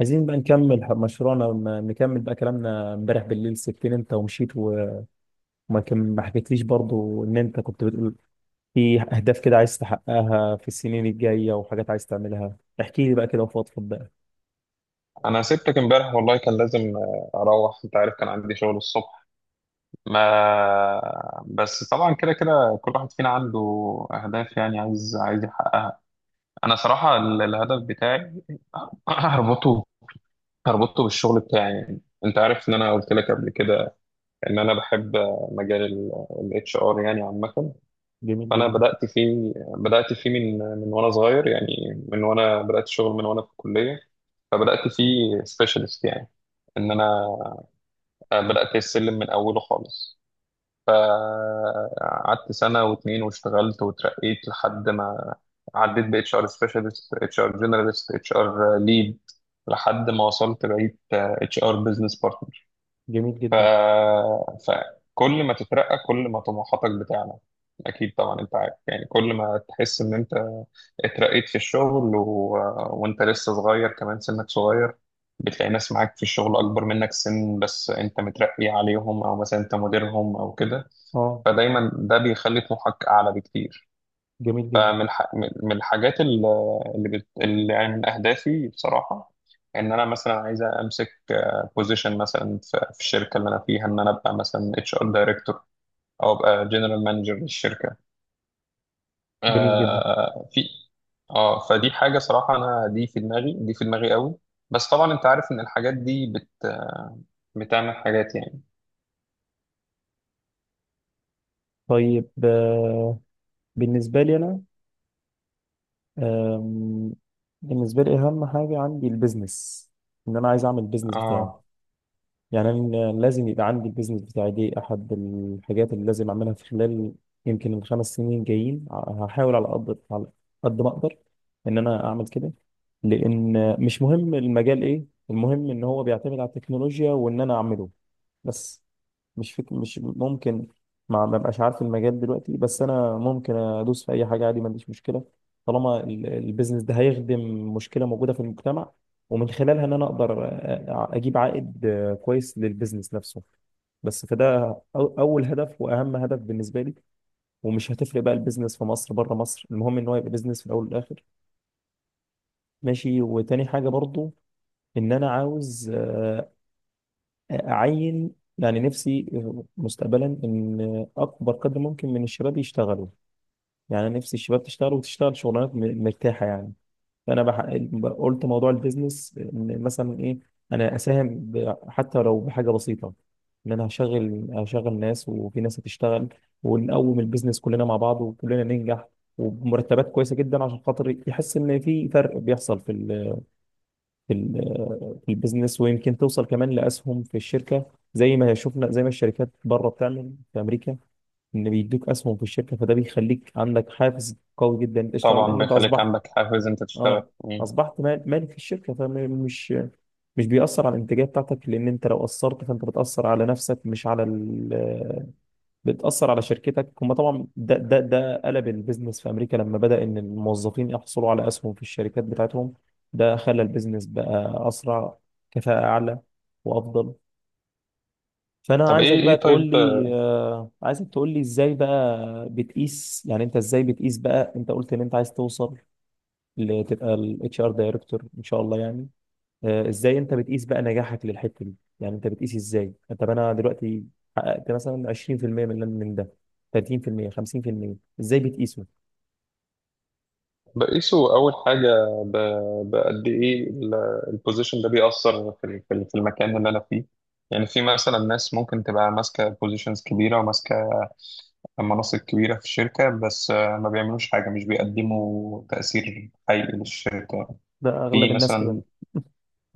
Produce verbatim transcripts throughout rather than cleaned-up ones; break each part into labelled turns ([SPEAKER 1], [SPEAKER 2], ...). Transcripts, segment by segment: [SPEAKER 1] عايزين بقى نكمل ح- مشروعنا م- نكمل بقى كلامنا امبارح بالليل. سبتني انت ومشيت و- وما كم- ما حكيتليش برضو ان انت كنت بتقول في اهداف كده عايز تحققها في السنين الجاية، وحاجات عايز تعملها. احكي لي بقى كده وفضفض بقى.
[SPEAKER 2] انا سبتك امبارح والله كان لازم آه، اروح، انت عارف كان عندي شغل الصبح. ما بس طبعا كده كده كل واحد فينا عنده اهداف، يعني عايز عايز يحققها. انا صراحة ال- الهدف بتاعي هربطه هربطه بالشغل بتاعي، يعني انت عارف ان انا قلت لك قبل كده ان انا بحب مجال الاتش ار يعني عامة.
[SPEAKER 1] جميل
[SPEAKER 2] فانا
[SPEAKER 1] جدا.
[SPEAKER 2] بدأت فيه بدأت فيه من من وانا صغير، يعني من وانا بدأت شغل من وانا في الكلية. فبدأت فيه سبيشالست، يعني ان انا آه، بدأت السلم من أوله خالص. فقعدت سنة واتنين واشتغلت وترقيت لحد ما عديت ب H R specialist H R generalist HR lead لحد ما وصلت بقيت آه، H R business partner.
[SPEAKER 1] جميل
[SPEAKER 2] ف...
[SPEAKER 1] جدا.
[SPEAKER 2] فكل ما تترقى كل ما طموحاتك بتعلى، اكيد طبعا انت عارف، يعني كل ما تحس ان انت اترقيت في الشغل و... وانت لسه صغير، كمان سنك صغير، بتلاقي ناس معاك في الشغل اكبر منك سن بس انت مترقي عليهم، او مثلا انت مديرهم او كده.
[SPEAKER 1] اه.
[SPEAKER 2] فدايما ده بيخلي طموحك اعلى بكتير.
[SPEAKER 1] جميل جدا.
[SPEAKER 2] فمن ح- من من الحاجات ال- اللي, بت... اللي يعني من أهدافي بصراحة، إن أنا مثلا عايز أمسك بوزيشن مثلا في في الشركة اللي أنا فيها، إن أنا أبقى مثلا اتش ار دايركتور أو أبقى جنرال مانجر للشركة.
[SPEAKER 1] جميل جدا.
[SPEAKER 2] آه في اه. فدي حاجة صراحة، أنا دي في دماغي، دي في دماغي قوي. بس طبعا أنت عارف إن الحاجات دي بت... بتعمل حاجات يعني.
[SPEAKER 1] طيب. آه، بالنسبة لي انا، آم، بالنسبة لي اهم حاجة عندي البيزنس. ان انا عايز اعمل البيزنس بتاعي.
[SPEAKER 2] اه،
[SPEAKER 1] يعني أنا لازم يبقى عندي البيزنس بتاعي، دي أحد الحاجات اللي لازم أعملها في خلال يمكن الخمس سنين جايين. هحاول على قد، على قد ما أقدر إن أنا أعمل كده. لأن مش مهم المجال إيه، المهم إن هو بيعتمد على التكنولوجيا وإن أنا أعمله بس. مش فك... مش ممكن ما ما بقاش عارف المجال دلوقتي، بس انا ممكن ادوس في اي حاجه عادي، ما عنديش مشكله. طالما ال- البيزنس ده هيخدم مشكله موجوده في المجتمع، ومن خلالها ان انا اقدر أ- أ- اجيب عائد آه، كويس للبيزنس نفسه بس. فده أو- اول هدف واهم هدف بالنسبه لي. ومش هتفرق بقى، البيزنس في مصر بره مصر، المهم ان هو يبقى بيزنس في الاول والاخر. ماشي. وتاني حاجه برضو، ان انا عاوز أعين يعني نفسي مستقبلا إن أكبر قدر ممكن من الشباب يشتغلوا. يعني أنا نفسي الشباب تشتغل، وتشتغل شغلانات م- مرتاحة يعني. فأنا بح... قلت موضوع البيزنس إن مثلا إيه، أنا أساهم ب... حتى لو بحاجة بسيطة، إن أنا هشغل، هشغل ناس وفي ناس هتشتغل، ونقوم البيزنس كلنا مع بعض وكلنا ننجح. وبمرتبات كويسة جدا، عشان خاطر يحس إن في فرق بيحصل في في ال- في البيزنس. ويمكن توصل كمان لاسهم في الشركه، زي ما شفنا، زي ما الشركات بره بتعمل في امريكا، ان بيدوك اسهم في الشركه. فده بيخليك عندك حافز قوي جدا انت تشتغل،
[SPEAKER 2] طبعا
[SPEAKER 1] لان انت
[SPEAKER 2] بيخليك
[SPEAKER 1] اصبحت،
[SPEAKER 2] عندك حافز أنت تشتغل.
[SPEAKER 1] اه،
[SPEAKER 2] مم.
[SPEAKER 1] اصبحت مال- مالك في الشركه. فمش مش بيأثر على الانتاجيه بتاعتك، لان انت لو اثرت فانت بتأثر على نفسك مش على ال- بتأثر على شركتك هم. طبعا ده ده ده قلب البيزنس في أمريكا لما بدأ إن الموظفين يحصلوا على أسهم في الشركات بتاعتهم. ده خلى البيزنس بقى أسرع، كفاءة أعلى، وأفضل. فأنا
[SPEAKER 2] طب
[SPEAKER 1] عايزك
[SPEAKER 2] إيه إيه
[SPEAKER 1] بقى تقول
[SPEAKER 2] طيب،
[SPEAKER 1] لي، آه، عايزك تقول لي إزاي بقى بتقيس. يعني أنت إزاي بتقيس بقى؟ أنت قلت إن أنت عايز توصل لتبقى ال إتش آر دايركتور إن شاء الله يعني. آه، ازاي انت بتقيس بقى نجاحك للحته دي؟ يعني انت بتقيس ازاي؟ طب انا دلوقتي حققت مثلا عشرين في المية من من ده، ثلاثين في المية، خمسين في المية؟ ازاي بتقيسه؟
[SPEAKER 2] بقيسه أول حاجة ب- بقد إيه البوزيشن ده بيأثر في ال- في ال- في المكان اللي أنا فيه. يعني في مثلا ناس ممكن تبقى ماسكة بوزيشنز كبيرة وماسكة مناصب كبيرة في الشركة بس آه، ما بيعملوش حاجة، مش بيقدموا تأثير حقيقي للشركة.
[SPEAKER 1] ده اغلب
[SPEAKER 2] في
[SPEAKER 1] الناس كده.
[SPEAKER 2] مثلا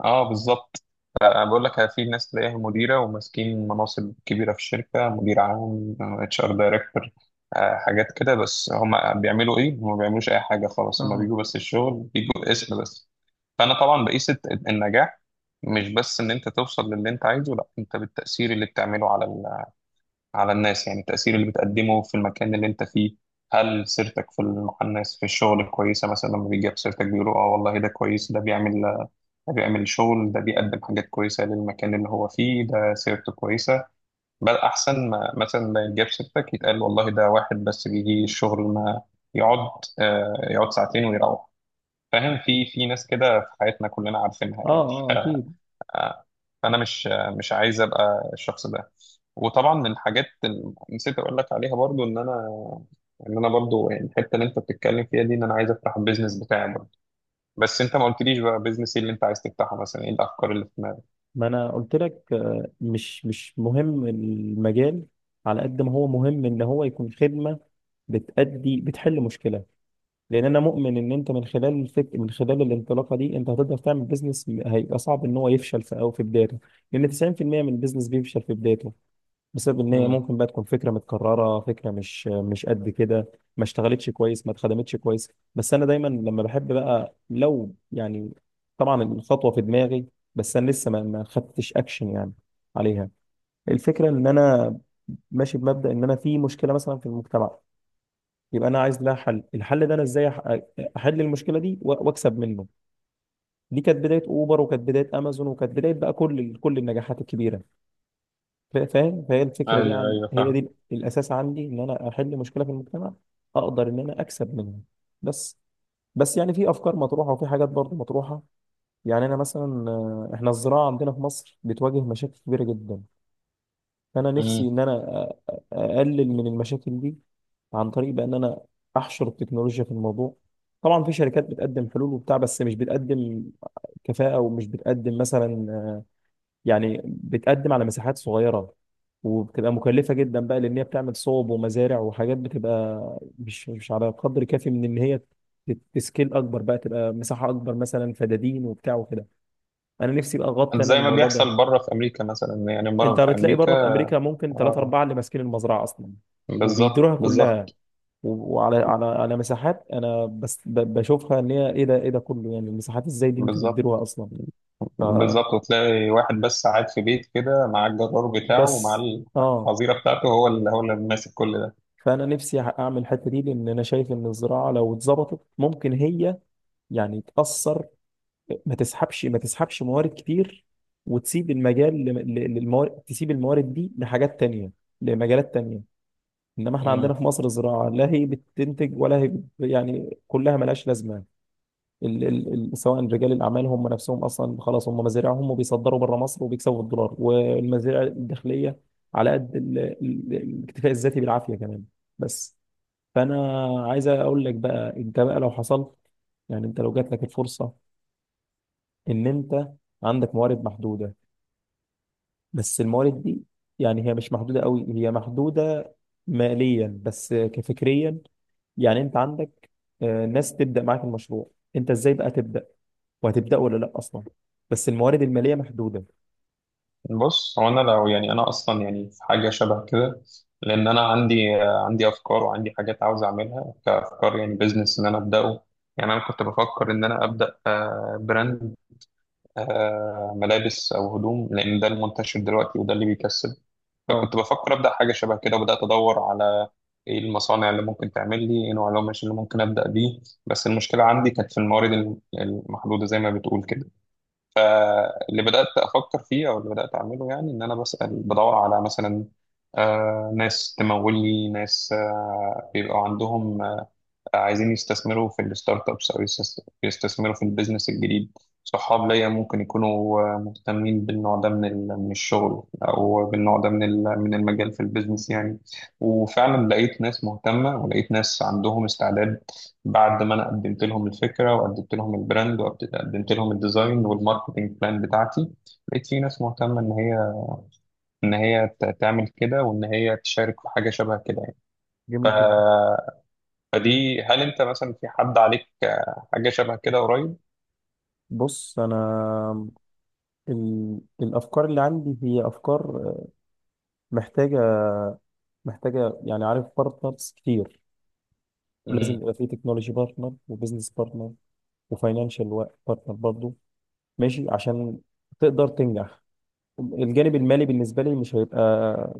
[SPEAKER 2] آه بالظبط. انا بقول لك في ناس تلاقيها مديره وماسكين مناصب كبيره في الشركه، مدير عام، اتش ار دايركتور، حاجات كده، بس هم بيعملوا ايه؟ هم ما بيعملوش اي حاجه خالص، هم
[SPEAKER 1] اه.
[SPEAKER 2] بيجوا بس الشغل بيجوا اسم بس. فانا طبعا بقيس الت- النجاح مش بس ان انت توصل للي انت عايزه، لا انت بالتاثير اللي بتعمله على ال- على الناس، يعني التاثير اللي بتقدمه في المكان اللي انت فيه. هل سيرتك في ال- مع الناس في الشغل كويسه؟ مثلا لما بيجي سيرتك بيقولوا اه والله ده كويس، ده بيعمل ده بيعمل شغل، ده بيقدم حاجات كويسة للمكان اللي هو فيه، ده سيرته كويسة. بل أحسن ما مثلا ما يتجاب سيرتك يتقال والله ده واحد بس بيجي الشغل ما يقعد آه، يقعد ساعتين ويروح. فاهم؟ في في ناس كده في حياتنا كلنا عارفينها
[SPEAKER 1] اه.
[SPEAKER 2] يعني.
[SPEAKER 1] اه اكيد.
[SPEAKER 2] آه، فأنا مش آه، مش عايز أبقى الشخص ده. وطبعا من الحاجات اللي نسيت أقول لك عليها برضو، إن أنا ان انا برضو يعني الحته اللي انت بتتكلم فيها دي، ان انا عايز افتح البيزنس بتاعي برضو. بس انت ما قلتليش بقى بيزنس ايه اللي انت عايز تفتحه؟ مثلا ايه الافكار اللي؟
[SPEAKER 1] ما انا قلت لك، آه، مش مش مهم المجال، على قد ما هو مهم ان هو يكون خدمه بتأدي، بتحل مشكله. لان انا مؤمن ان انت من خلال الفك من خلال الانطلاقه دي انت هتقدر تعمل بيزنس م- هيبقى صعب ان هو يفشل في او في بدايته. لان تسعين في المية من البيزنس بيفشل في بدايته، بسبب ان هي
[SPEAKER 2] مم.
[SPEAKER 1] ممكن بقى تكون فكره متكرره، فكره مش مش قد كده، ما اشتغلتش كويس، ما اتخدمتش كويس. بس انا دايما لما بحب بقى لو يعني، طبعا الخطوه في دماغي، بس انا لسه ما ما خدتش اكشن يعني عليها. الفكره ان انا ماشي بمبدا ان انا في مشكله مثلا في المجتمع، يبقى انا عايز لها حل. الحل ده انا ازاي أح- احل المشكله دي و- واكسب منه. دي كانت بدايه اوبر، وكانت بدايه امازون، وكانت بدايه بقى كل كل النجاحات الكبيره. فا- فاهم؟ فهي الفكره دي،
[SPEAKER 2] ايوه
[SPEAKER 1] عن
[SPEAKER 2] ايوه
[SPEAKER 1] هي
[SPEAKER 2] فاهم.
[SPEAKER 1] دي الاساس عندي، ان انا احل مشكله في المجتمع اقدر ان انا اكسب منها بس. بس يعني في افكار مطروحه وفي حاجات برضه مطروحه. يعني انا مثلا، آه، احنا الزراعه عندنا في مصر بتواجه مشاكل كبيره جدا. فانا
[SPEAKER 2] مم.
[SPEAKER 1] نفسي ان انا أ- أ- اقلل من المشاكل دي عن طريق بان انا احشر التكنولوجيا في الموضوع. طبعا في شركات بتقدم حلول وبتاع، بس مش بتقدم كفاءه، ومش بتقدم مثلا آه، يعني بتقدم على مساحات صغيرة، وبتبقى مكلفة جدا بقى، لأن هي بتعمل صوب ومزارع وحاجات، بتبقى مش مش على قدر كافي من إن هي تت- تسكيل أكبر بقى، تبقى مساحة أكبر، مثلا فدادين وبتاع وكده. أنا نفسي بقى أغطي أنا
[SPEAKER 2] زي ما
[SPEAKER 1] الموضوع ده.
[SPEAKER 2] بيحصل بره في امريكا مثلا، يعني بره
[SPEAKER 1] أنت
[SPEAKER 2] في
[SPEAKER 1] بتلاقي بره في
[SPEAKER 2] امريكا.
[SPEAKER 1] أمريكا ممكن ثلاثة
[SPEAKER 2] اه،
[SPEAKER 1] أربعة اللي ماسكين المزرعة أصلا،
[SPEAKER 2] بالظبط
[SPEAKER 1] وبيديروها
[SPEAKER 2] بالظبط
[SPEAKER 1] كلها، و- وعلى على على مساحات. أنا بس ب- بشوفها إن هي إيه ده، إيه ده كله يعني؟ المساحات إزاي دي أنتوا بتديروها
[SPEAKER 2] بالظبط
[SPEAKER 1] أصلا؟
[SPEAKER 2] بالظبط وتلاقي واحد بس قاعد في بيت كده مع الجرار بتاعه ومع
[SPEAKER 1] فبس. آه.
[SPEAKER 2] الحظيره بتاعته، هو اللي هو اللي ماسك كل ده.
[SPEAKER 1] فانا نفسي اعمل الحته دي، لان انا شايف ان الزراعه لو اتظبطت ممكن هي يعني تاثر. ما تسحبش ما تسحبش موارد كتير، وتسيب المجال لم- ل- للموارد، تسيب الموارد دي لحاجات تانية، لمجالات تانية. انما احنا
[SPEAKER 2] مم.
[SPEAKER 1] عندنا في مصر الزراعه لا هي بتنتج ولا هي بت، يعني كلها ملهاش لازمه. ال ال ال سواء رجال الاعمال هم نفسهم اصلا خلاص، هم مزارعهم وبيصدروا بره مصر وبيكسبوا الدولار، والمزارع الداخليه على قد ال- ال- الاكتفاء الذاتي بالعافيه كمان بس. فانا عايز اقول لك بقى انت بقى، لو حصل يعني، انت لو جات لك الفرصه ان انت عندك موارد محدوده، بس الموارد دي يعني هي مش محدوده قوي، هي محدوده ماليا بس كفكريا، يعني انت عندك آه، ناس تبدا معاك المشروع، انت ازاي بقى تبدا؟ وهتبدا ولا لا اصلا، بس الموارد الماليه محدوده.
[SPEAKER 2] بص، هو انا لو يعني انا اصلا يعني في حاجه شبه كده، لان انا عندي آه، عندي افكار وعندي حاجات عاوز اعملها كافكار، يعني بزنس ان انا ابداه. يعني انا كنت بفكر ان انا ابدا آه، براند، آه، ملابس او هدوم لان ده المنتشر دلوقتي وده اللي بيكسب.
[SPEAKER 1] اه.
[SPEAKER 2] فكنت بفكر ابدا حاجه شبه كده، وبدات ادور على ايه المصانع اللي ممكن تعمل لي، ايه نوع القماش اللي ممكن ابدا بيه. بس المشكله عندي كانت في الموارد الم- المحدوده زي ما بتقول كده. فاللي بدات افكر فيه او اللي بدات اعمله يعني، ان انا بسال بدور على مثلا آه، ناس تمول لي، ناس آه، بيبقى عندهم عايزين يستثمروا في الستارت ابس، او يستس- يستثمروا في البيزنس الجديد. صحاب ليا ممكن يكونوا آه، مهتمين بالنوع ده من ال- من الشغل، او بالنوع ده من ال- من المجال في البيزنس يعني. وفعلا لقيت ناس مهتمه ولقيت ناس عندهم استعداد، بعد ما انا قدمت لهم الفكره وقدمت لهم البراند وقدمت لهم الديزاين والماركتنج بلان بتاعتي. لقيت في ناس مهتمه ان هي ان هي ت- تعمل كده وان هي تشارك في حاجه شبه كده يعني.
[SPEAKER 1] جميل جدا.
[SPEAKER 2] فدي، هل انت مثلا في حد عليك آه، حاجه شبه كده قريب؟
[SPEAKER 1] بص انا، ال... الافكار اللي عندي هي افكار محتاجه، محتاجه يعني عارف بارتنرز كتير. ولازم
[SPEAKER 2] مم.
[SPEAKER 1] يبقى فيه تكنولوجي بارتنر، وبزنس بارتنر، وفاينانشال بارتنر برضه، ماشي، عشان تقدر تنجح. الجانب المالي بالنسبة لي مش هيبقى،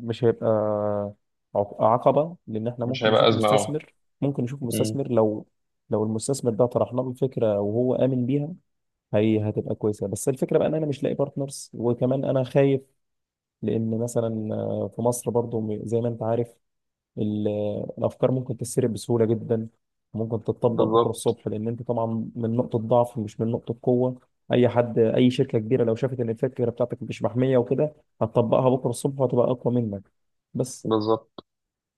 [SPEAKER 1] مش هيبقى عق- عقبة، لأن احنا
[SPEAKER 2] مش
[SPEAKER 1] ممكن
[SPEAKER 2] هيبقى
[SPEAKER 1] نشوف
[SPEAKER 2] ازمه. اه.
[SPEAKER 1] مستثمر. ممكن نشوف
[SPEAKER 2] مم.
[SPEAKER 1] مستثمر لو، لو المستثمر ده طرحنا له الفكرة وهو آمن بيها هي هتبقى كويسة. بس الفكرة بقى إن أنا مش لاقي بارتنرز، وكمان أنا خايف. لأن مثلا، آه، في مصر برضو م- زي ما أنت عارف، ال- الافكار ممكن تتسرب بسهوله جدا، وممكن تتطبق بكره
[SPEAKER 2] بالظبط
[SPEAKER 1] الصبح، لان انت طبعا من نقطه ضعف مش من نقطه قوه. اي حد، اي شركه كبيره لو شافت ان الفكره بتاعتك مش محميه وكده، هتطبقها بكره الصبح وهتبقى اقوى منك بس.
[SPEAKER 2] بالظبط.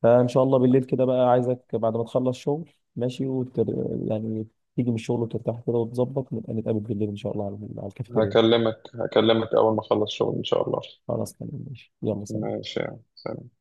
[SPEAKER 1] فان شاء الله بالليل كده بقى عايزك بعد ما تخلص شغل ماشي، وتر... يعني تيجي من الشغل وترتاح كده وتظبط، نبقى نتقابل بالليل ان شاء الله على على الكافيتيريا.
[SPEAKER 2] هكلمك هكلمك اول ما اخلص شغل ان شاء الله.
[SPEAKER 1] خلاص تمام ماشي، يلا سلام.
[SPEAKER 2] ماشي يا سلام.